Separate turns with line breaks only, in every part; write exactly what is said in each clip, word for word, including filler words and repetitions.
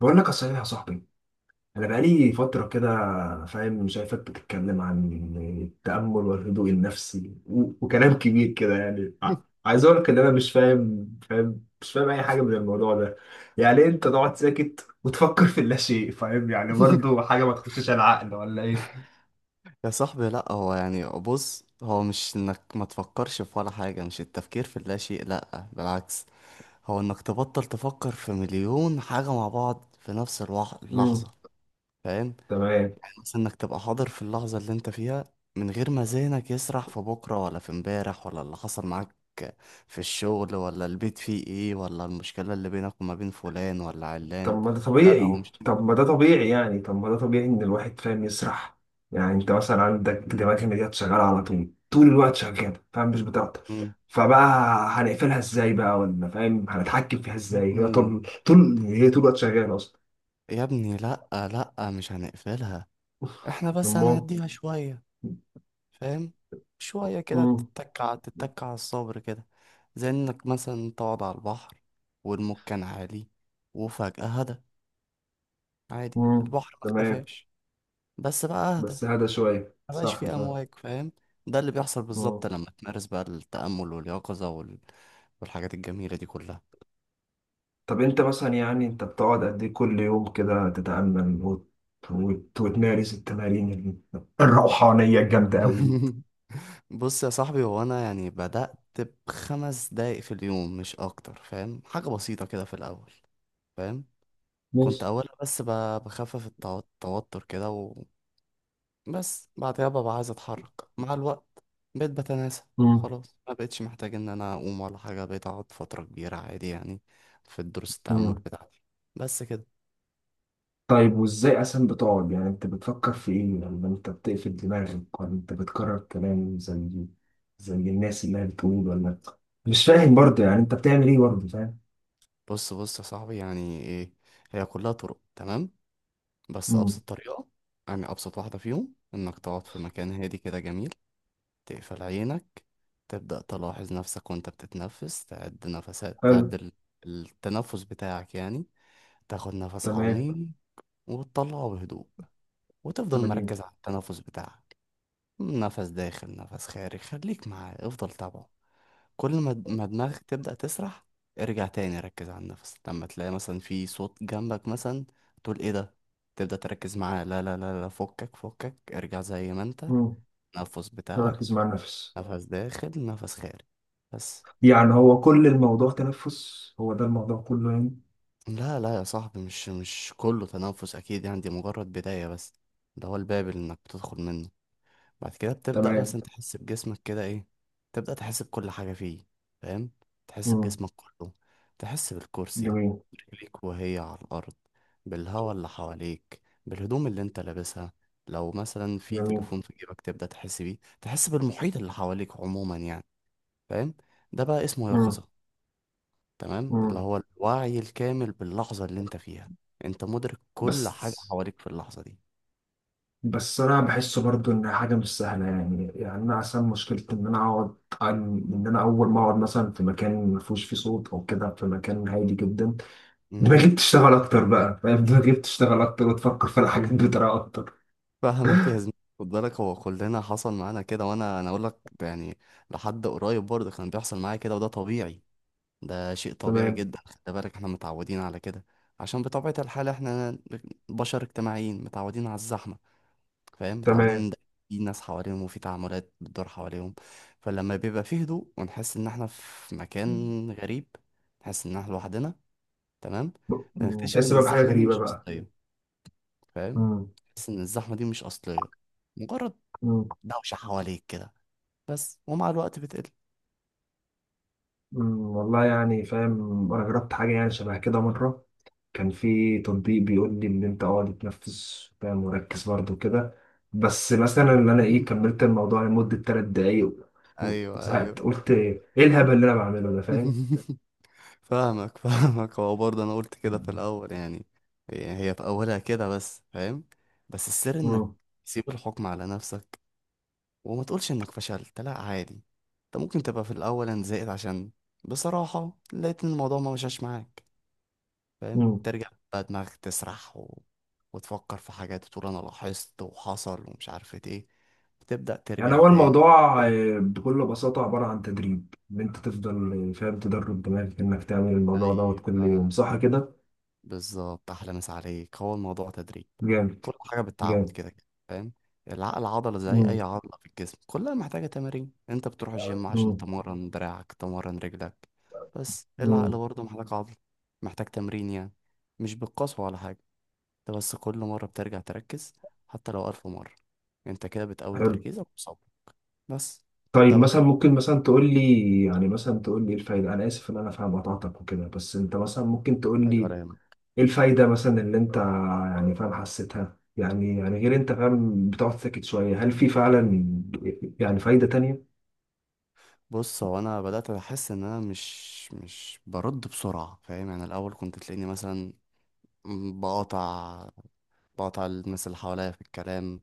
بقول لك صحيح يا صاحبي، انا بقالي فتره كده فاهم. شايفك بتتكلم عن التامل والهدوء النفسي و- وكلام كبير كده، يعني ع- عايز اقول لك ان انا مش فاهم فاهم مش فاهم اي حاجه من الموضوع ده. يعني إيه انت تقعد ساكت وتفكر في اللاشيء؟ فاهم؟ يعني برضه حاجه ما تخشش العقل ولا ايه؟
يا صاحبي، لا هو يعني بص هو مش انك ما تفكرش في ولا حاجة، مش التفكير في لا شيء، لا بالعكس. هو انك تبطل تفكر في مليون حاجة مع بعض في نفس الوح- اللحظة.
امم.
فاهم؟
تمام.
يعني مثلا انك تبقى حاضر في اللحظة اللي انت فيها، من غير ما ذهنك يسرح في بكرة ولا في امبارح ولا اللي حصل معاك في الشغل ولا البيت فيه ايه، ولا المشكلة اللي بينك وما بين فلان ولا
طب
علان.
ما ده
لا لا هو
طبيعي
مش.
طب ما ده طبيعي يعني طب ما ده طبيعي ان الواحد فاهم يسرح. يعني انت مثلا عندك دماغ المديات شغاله على طول، طول الوقت شغاله فاهم، مش بتعطل.
مم.
فبقى هنقفلها ازاي بقى؟ ولا فاهم هنتحكم فيها
يا
ازاي؟ هي
ابني،
طول طول هي طول الوقت شغاله اصلا.
يا ابني لا، لا مش هنقفلها، احنا بس
امال.
هنهديها شوية. فاهم؟ شوية كده.
امم.
تتكع تتكع على الصبر كده، زي انك مثلا تقعد على البحر والموج كان عالي وفجأة هدى. عادي،
امم.
البحر ما
تمام.
اختفاش، بس بقى اهدى،
بس هذا شويه
مبقاش
صح
فيه
فاهم.
امواج. فاهم؟ ده اللي بيحصل
مم.
بالظبط لما تمارس بقى التأمل واليقظة وال... والحاجات الجميلة دي كلها.
طب انت مثلا يعني انت بتقعد قد ايه كل يوم كده تتامل وت- وت- وتمارس التمارين ال- الروحانيه الجامده قوي دي؟
بص يا صاحبي، هو انا يعني بدأت بخمس دقايق في اليوم، مش اكتر. فاهم؟ حاجة بسيطة كده في الاول. فاهم؟ كنت
ماشي.
أولها بس ب- بخفف التو- التوتر كده، وبس بعدها ببقى عايز أتحرك. مع الوقت بقيت بتناسى،
مم.
خلاص ما بقتش محتاج إن أنا أقوم ولا حاجة، بقيت أقعد فترة كبيرة عادي يعني في دروس التأمل
مم.
بتاعتي. بس كده.
طيب وازاي اصلا بتقعد؟ يعني انت بتفكر في ايه لما انت بتقفل دماغك؟ ولا انت بتكرر كلام زي زي الناس اللي هي بتقول، ولا مش فاهم برضه؟ يعني انت بتعمل ايه برضه فاهم؟
بص بص يا صاحبي، يعني إيه؟ هي كلها طرق، تمام. بس
مم.
أبسط طريقة، يعني أبسط واحدة فيهم، إنك تقعد في مكان هادي كده جميل، تقفل عينك، تبدأ تلاحظ نفسك وأنت بتتنفس، تعد نفسات، تعد
حلو.
ال- التنفس بتاعك يعني. تاخد نفس
تمام.
عميق وتطلعه بهدوء، وتفضل
جميل.
مركز على التنفس بتاعك. نفس داخل، نفس خارج، خليك معاه، افضل تابعه. كل ما د- ما دماغك تبدأ تسرح، ارجع تاني ركز على النفس. لما تلاقي مثلا في صوت جنبك مثلا، تقول ايه ده، تبدأ تركز معاه، لا لا لا لا، فكك فكك، ارجع زي ما انت،
مم.
نفس بتاعك،
ركز مع النفس.
نفس داخل نفس خارج. بس.
يعني هو كل الموضوع تنفس، هو ده الموضوع كله يعني؟
لا لا يا صاحبي، مش مش كله تنفس اكيد يعني، دي مجرد بداية بس، ده هو الباب اللي انك بتدخل منه. بعد كده بتبدأ
تمام.
مثلا تحس بجسمك كده، ايه؟ تبدأ تحس بكل حاجة فيه. فاهم؟ تحس
مم.
بجسمك كله، تحس بالكرسي،
جميل.
رجليك وهي على الأرض، بالهواء اللي حواليك، بالهدوم اللي انت لابسها، لو مثلا في
جميل.
تليفون في جيبك تبدأ تحس بيه، تحس بالمحيط اللي حواليك عموما يعني. فاهم؟ ده بقى اسمه
مم.
يقظة، تمام، اللي
مم.
هو الوعي الكامل باللحظة اللي انت فيها، انت مدرك كل حاجة
بس
حواليك في اللحظة دي.
بس انا بحسه برضو ان حاجه مش سهله يعني، يعني انا عشان مشكلتي ان انا اقعد عن- ان انا اول ما اقعد مثلا في مكان ما فيهوش فيه صوت او كده، في مكان هادي جدا، دماغي
مم.
بتشتغل اكتر بقى فاهم؟ دماغي بتشتغل اكتر وتفكر في الحاجات بطريقه اكتر.
فاهمك يا زميلي. خد بالك، هو كلنا حصل معانا كده، وانا انا اقول لك يعني، لحد قريب برضه كان بيحصل معايا كده، وده طبيعي، ده شيء طبيعي
تمام.
جدا. خد بالك احنا متعودين على كده، عشان بطبيعة الحال احنا بشر اجتماعيين متعودين على الزحمة. فاهم؟ متعودين
تمام.
إن في ناس حواليهم وفي تعاملات بتدور حواليهم، فلما بيبقى فيه هدوء ونحس ان احنا في مكان غريب، نحس ان احنا لوحدنا، تمام.
م-
بنكتشف
تحس
ان
بقى بحاجه
الزحمة دي
غريبه
مش
بقى.
أصلية. فاهم؟
م-
نحس ان الزحمة دي مش أصلية، مجرد
م-
دوشة حواليك كده، بس ومع الوقت بتقل.
م- والله يعني فاهم انا جربت حاجه يعني شبه كده مره. كان في تطبيق بيقول لي ان انت اقعد تتنفس فاهم، مركز برضه كده. بس مثلا ان انا ايه، كملت الموضوع لمده ثلاث دقايق و-
ايوه
وزهقت.
ايوه،
قلت ايه الهبل اللي انا بعمله ده فاهم.
فاهمك. فاهمك. هو برضه انا قلت كده في
مم.
الاول يعني، يعني هي في اولها كده بس. فاهم؟ بس السر انك
مم.
تسيب الحكم على نفسك، وما تقولش انك فشلت، لا عادي. انت ممكن تبقى في الاول انا زهقت، عشان بصراحة لقيت ان الموضوع ما مشاش معاك. فاهم؟
مم.
ترجع بقى دماغك تسرح و... وتفكر في حاجات، وتقول انا لاحظت وحصل ومش عارف ايه، بتبدأ
يعني
ترجع
هو
تاني.
الموضوع آه، بكل بساطة عبارة عن تدريب، إن أنت تفضل آه، فاهم تدرب دماغك إنك تعمل الموضوع دوت كل يوم،
ايوه
صح كده؟
بالظبط، احلى مسا عليك. هو الموضوع تدريب،
جامد.
كل حاجه بالتعود
جامد.
كده كده. فاهم؟ العقل عضله زي اي
مم.
عضله في الجسم، كلها محتاجه تمارين، انت بتروح الجيم عشان
مم.
تمرن دراعك تمرن رجلك. بس
مم.
العقل برضه محتاج عضله، محتاج تمرين يعني، مش بالقسوه ولا حاجه. انت بس كل مره بترجع تركز، حتى لو الف مره، انت كده بتقوي
حلو.
تركيزك وصبرك. بس
طيب
تبدا بقى
مثلا ممكن مثلا تقول لي، يعني مثلا تقول لي ايه الفايده؟ انا اسف ان انا فاهم قطعتك وكده، بس انت مثلا ممكن تقول
تتعود
لي
ولا
ايه الفايده مثلا اللي انت يعني فاهم حسيتها، يعني يعني غير انت فاهم بتقعد ساكت شويه، هل في
يهمك.
فعلا يعني فايده تانية؟
بص، هو انا بدات احس ان انا مش مش برد بسرعه. فاهم يعني الاول كنت تلاقيني مثلا بقاطع، بقاطع الناس اللي حواليا في الكلام،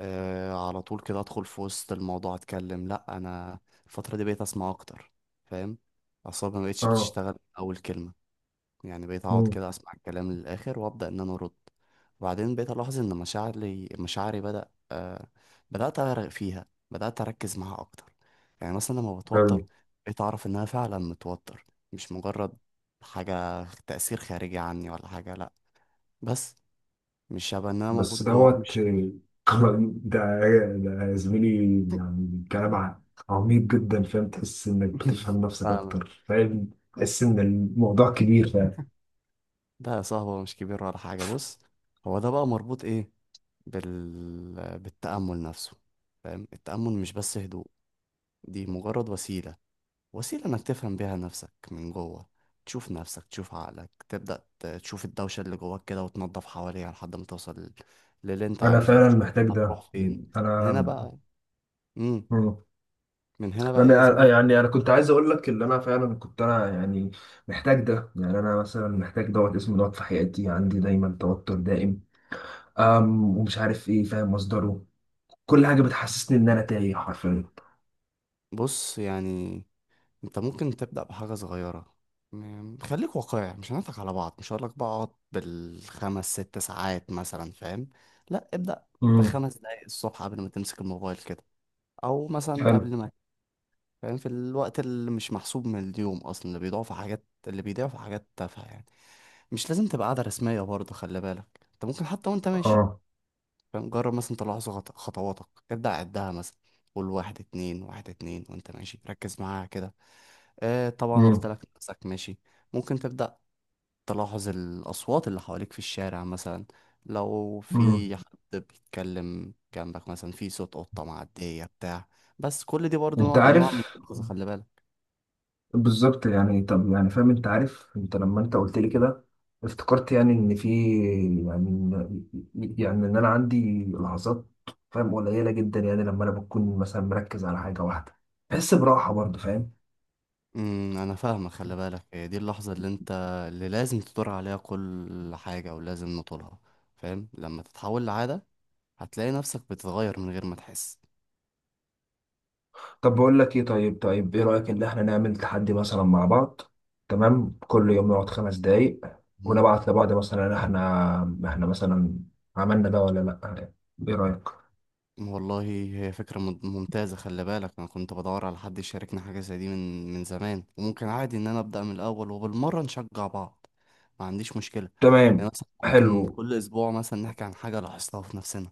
آه على طول كده ادخل في وسط الموضوع اتكلم. لا انا الفتره دي بقيت اسمع اكتر. فاهم؟ اعصابي ما بقتش
اه.
بتشتغل من اول كلمه، يعني بقيت اقعد
امم.
كده اسمع الكلام للاخر وابدا ان انا ارد. وبعدين بقيت الاحظ ان مشاعري، مشاعري بدا آه، بدات اغرق فيها، بدات اركز معاها اكتر. يعني مثلا لما
حلو.
بتوتر بقيت اعرف ان انا فعلا متوتر، مش مجرد حاجه تاثير خارجي عني ولا حاجه، لا. بس مش شبه ان انا موجود
بس
جوه مش
دوت
شايف.
كمان- ده ده يا زميلي، يعني كلام ع- عميق جدا فاهم، تحس انك بتفهم نفسك
فاهم.
اكتر فاهم، تحس ان الموضوع كبير فاهم.
ده يا صاحبي هو مش كبير ولا حاجه، بص، هو ده بقى مربوط ايه، بال... بالتامل نفسه. فاهم؟ التامل مش بس هدوء، دي مجرد وسيله، وسيلة إنك تفهم بيها نفسك من جوه، تشوف نفسك، تشوف عقلك، تبدأ ت- تشوف الدوشة اللي جواك كده وتنظف حواليها لحد ما توصل لل- للي أنت
انا
عايزه،
فعلا
تشوف
محتاج ده.
هتروح فين من هنا
انا.
بقى. مم.
مم.
من هنا بقى إيه يا
انا أنا-
زميلي؟
يعني انا كنت عايز اقول لك ان انا فعلا كنت انا يعني محتاج ده يعني، انا مثلا محتاج دوت اسمه دوت في حياتي، عندي دايما توتر دائم أم ومش عارف ايه فاهم مصدره. كل حاجه بتحسسني ان انا تايه حرفيا.
بص، يعني أنت ممكن تبدأ بحاجة صغيرة، م- خليك واقعي، مش هنضحك على بعض، مش هقولك بقى اقعد بالخمس ست ساعات مثلا. فاهم؟ لا ابدأ
امم.
بخمس دقايق الصبح قبل ما تمسك الموبايل كده، أو مثلا
حلو.
قبل ما، فاهم، في الوقت اللي مش محسوب من اليوم اصلا، اللي بيضيعوا في حاجات، اللي بيضيعوا في حاجات تافهه يعني. مش لازم تبقى قاعده رسميه برضه، خلي بالك، انت ممكن حتى وانت ماشي.
اه.
فاهم؟ جرب مثلا تلاحظ خط- خطواتك، ابدا عدها مثلا، قول واحد اتنين، واحد اتنين، وانت ماشي ركز معاها كده. آه طبعا قلت
امم.
لك نفسك ماشي. ممكن تبدا تلاحظ الاصوات اللي حواليك في الشارع مثلا، لو
امم.
في حد بيتكلم جنبك مثلا، في صوت قطه معديه بتاع. بس كل دي برضه
انت
نوع انواع من
عارف
الإنقاذ، خلي بالك.
بالظبط يعني، طب يعني فاهم انت عارف، انت لما انت قلت لي كده افتكرت يعني ان في، يعني إن- يعني ان انا عندي لحظات فاهم قليله جدا، يعني لما انا بكون مثلا مركز على حاجه واحده بحس براحه برضه فاهم.
امم انا فاهمك. خلي بالك، هي دي اللحظه اللي انت، اللي لازم تدور عليها، كل حاجه ولازم نطولها. فاهم؟ لما تتحول لعاده هتلاقي نفسك بتتغير من غير ما تحس.
طب بقول لك ايه؟ طيب، طيب ايه رايك ان احنا نعمل تحدي مثلا مع بعض؟ تمام، كل يوم نقعد خمس دقايق
مم.
ونبعت لبعض مثلا، احنا احنا مثلا عملنا ده ولا لا؟ ايه رايك؟
والله هي فكره مم- ممتازه. خلي بالك انا كنت بدور على حد يشاركني حاجه زي دي من من زمان، وممكن عادي ان انا ابدا من الاول وبالمره نشجع بعض، ما عنديش مشكله.
تمام.
يعني مثلا ممكن
حلو.
كل اسبوع مثلا نحكي عن حاجه لاحظتها في نفسنا.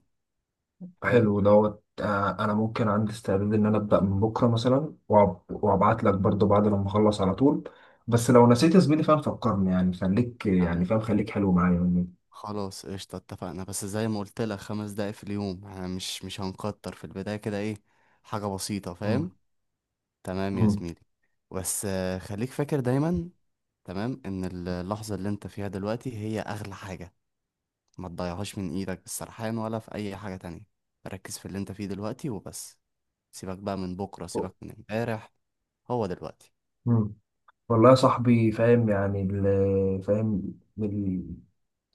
فاهم؟
حلو دوت آه، انا ممكن عندي استعداد ان انا ابدا من بكره مثلا وأب- وابعت لك برضو بعد لما اخلص على طول. بس لو نسيت يا زميلي فاهم فكرني يعني، خليك يعني
نعم.
فاهم خليك حلو معايا يعني.
خلاص قشطة، اتفقنا، بس زي ما قلت لك خمس دقايق في اليوم، احنا مش مش هنكتر في البداية كده ايه، حاجة بسيطة.
مم.
فاهم؟ تمام يا
مم.
زميلي. بس آه، خليك فاكر دايما، تمام، ان ال- اللحظة اللي انت فيها دلوقتي هي اغلى حاجة، ما تضيعهاش من ايدك بالسرحان ولا في اي حاجة تانية. ركز في اللي انت فيه دلوقتي وبس، سيبك بقى من بكرة، سيبك من امبارح، هو دلوقتي.
مم. والله يا صاحبي فاهم يعني ال- فاهم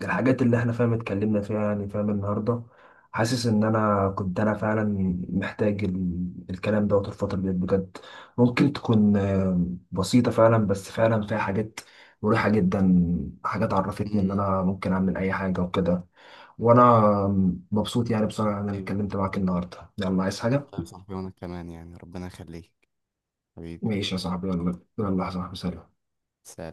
الحاجات اللي احنا فاهم اتكلمنا فيها يعني فاهم النهارده، حاسس ان انا كنت انا فعلا محتاج ال... الكلام دوت الفتره دي بجد، ممكن تكون آه، بسيطه فعلا، بس فعلا فيها حاجات مريحه جدا، حاجات عرفتني ان
امم
انا ممكن اعمل اي حاجه وكده. وانا مبسوط يعني بصراحه ان انا
ايوه
اتكلمت معاك النهارده. يلا عايز
والله
حاجه؟
يا صاحبي، وانا كمان يعني، ربنا يخليك حبيبي.
ماشي يا صاحبي، يلا يلا يا صاحبي، سلام.
سلام.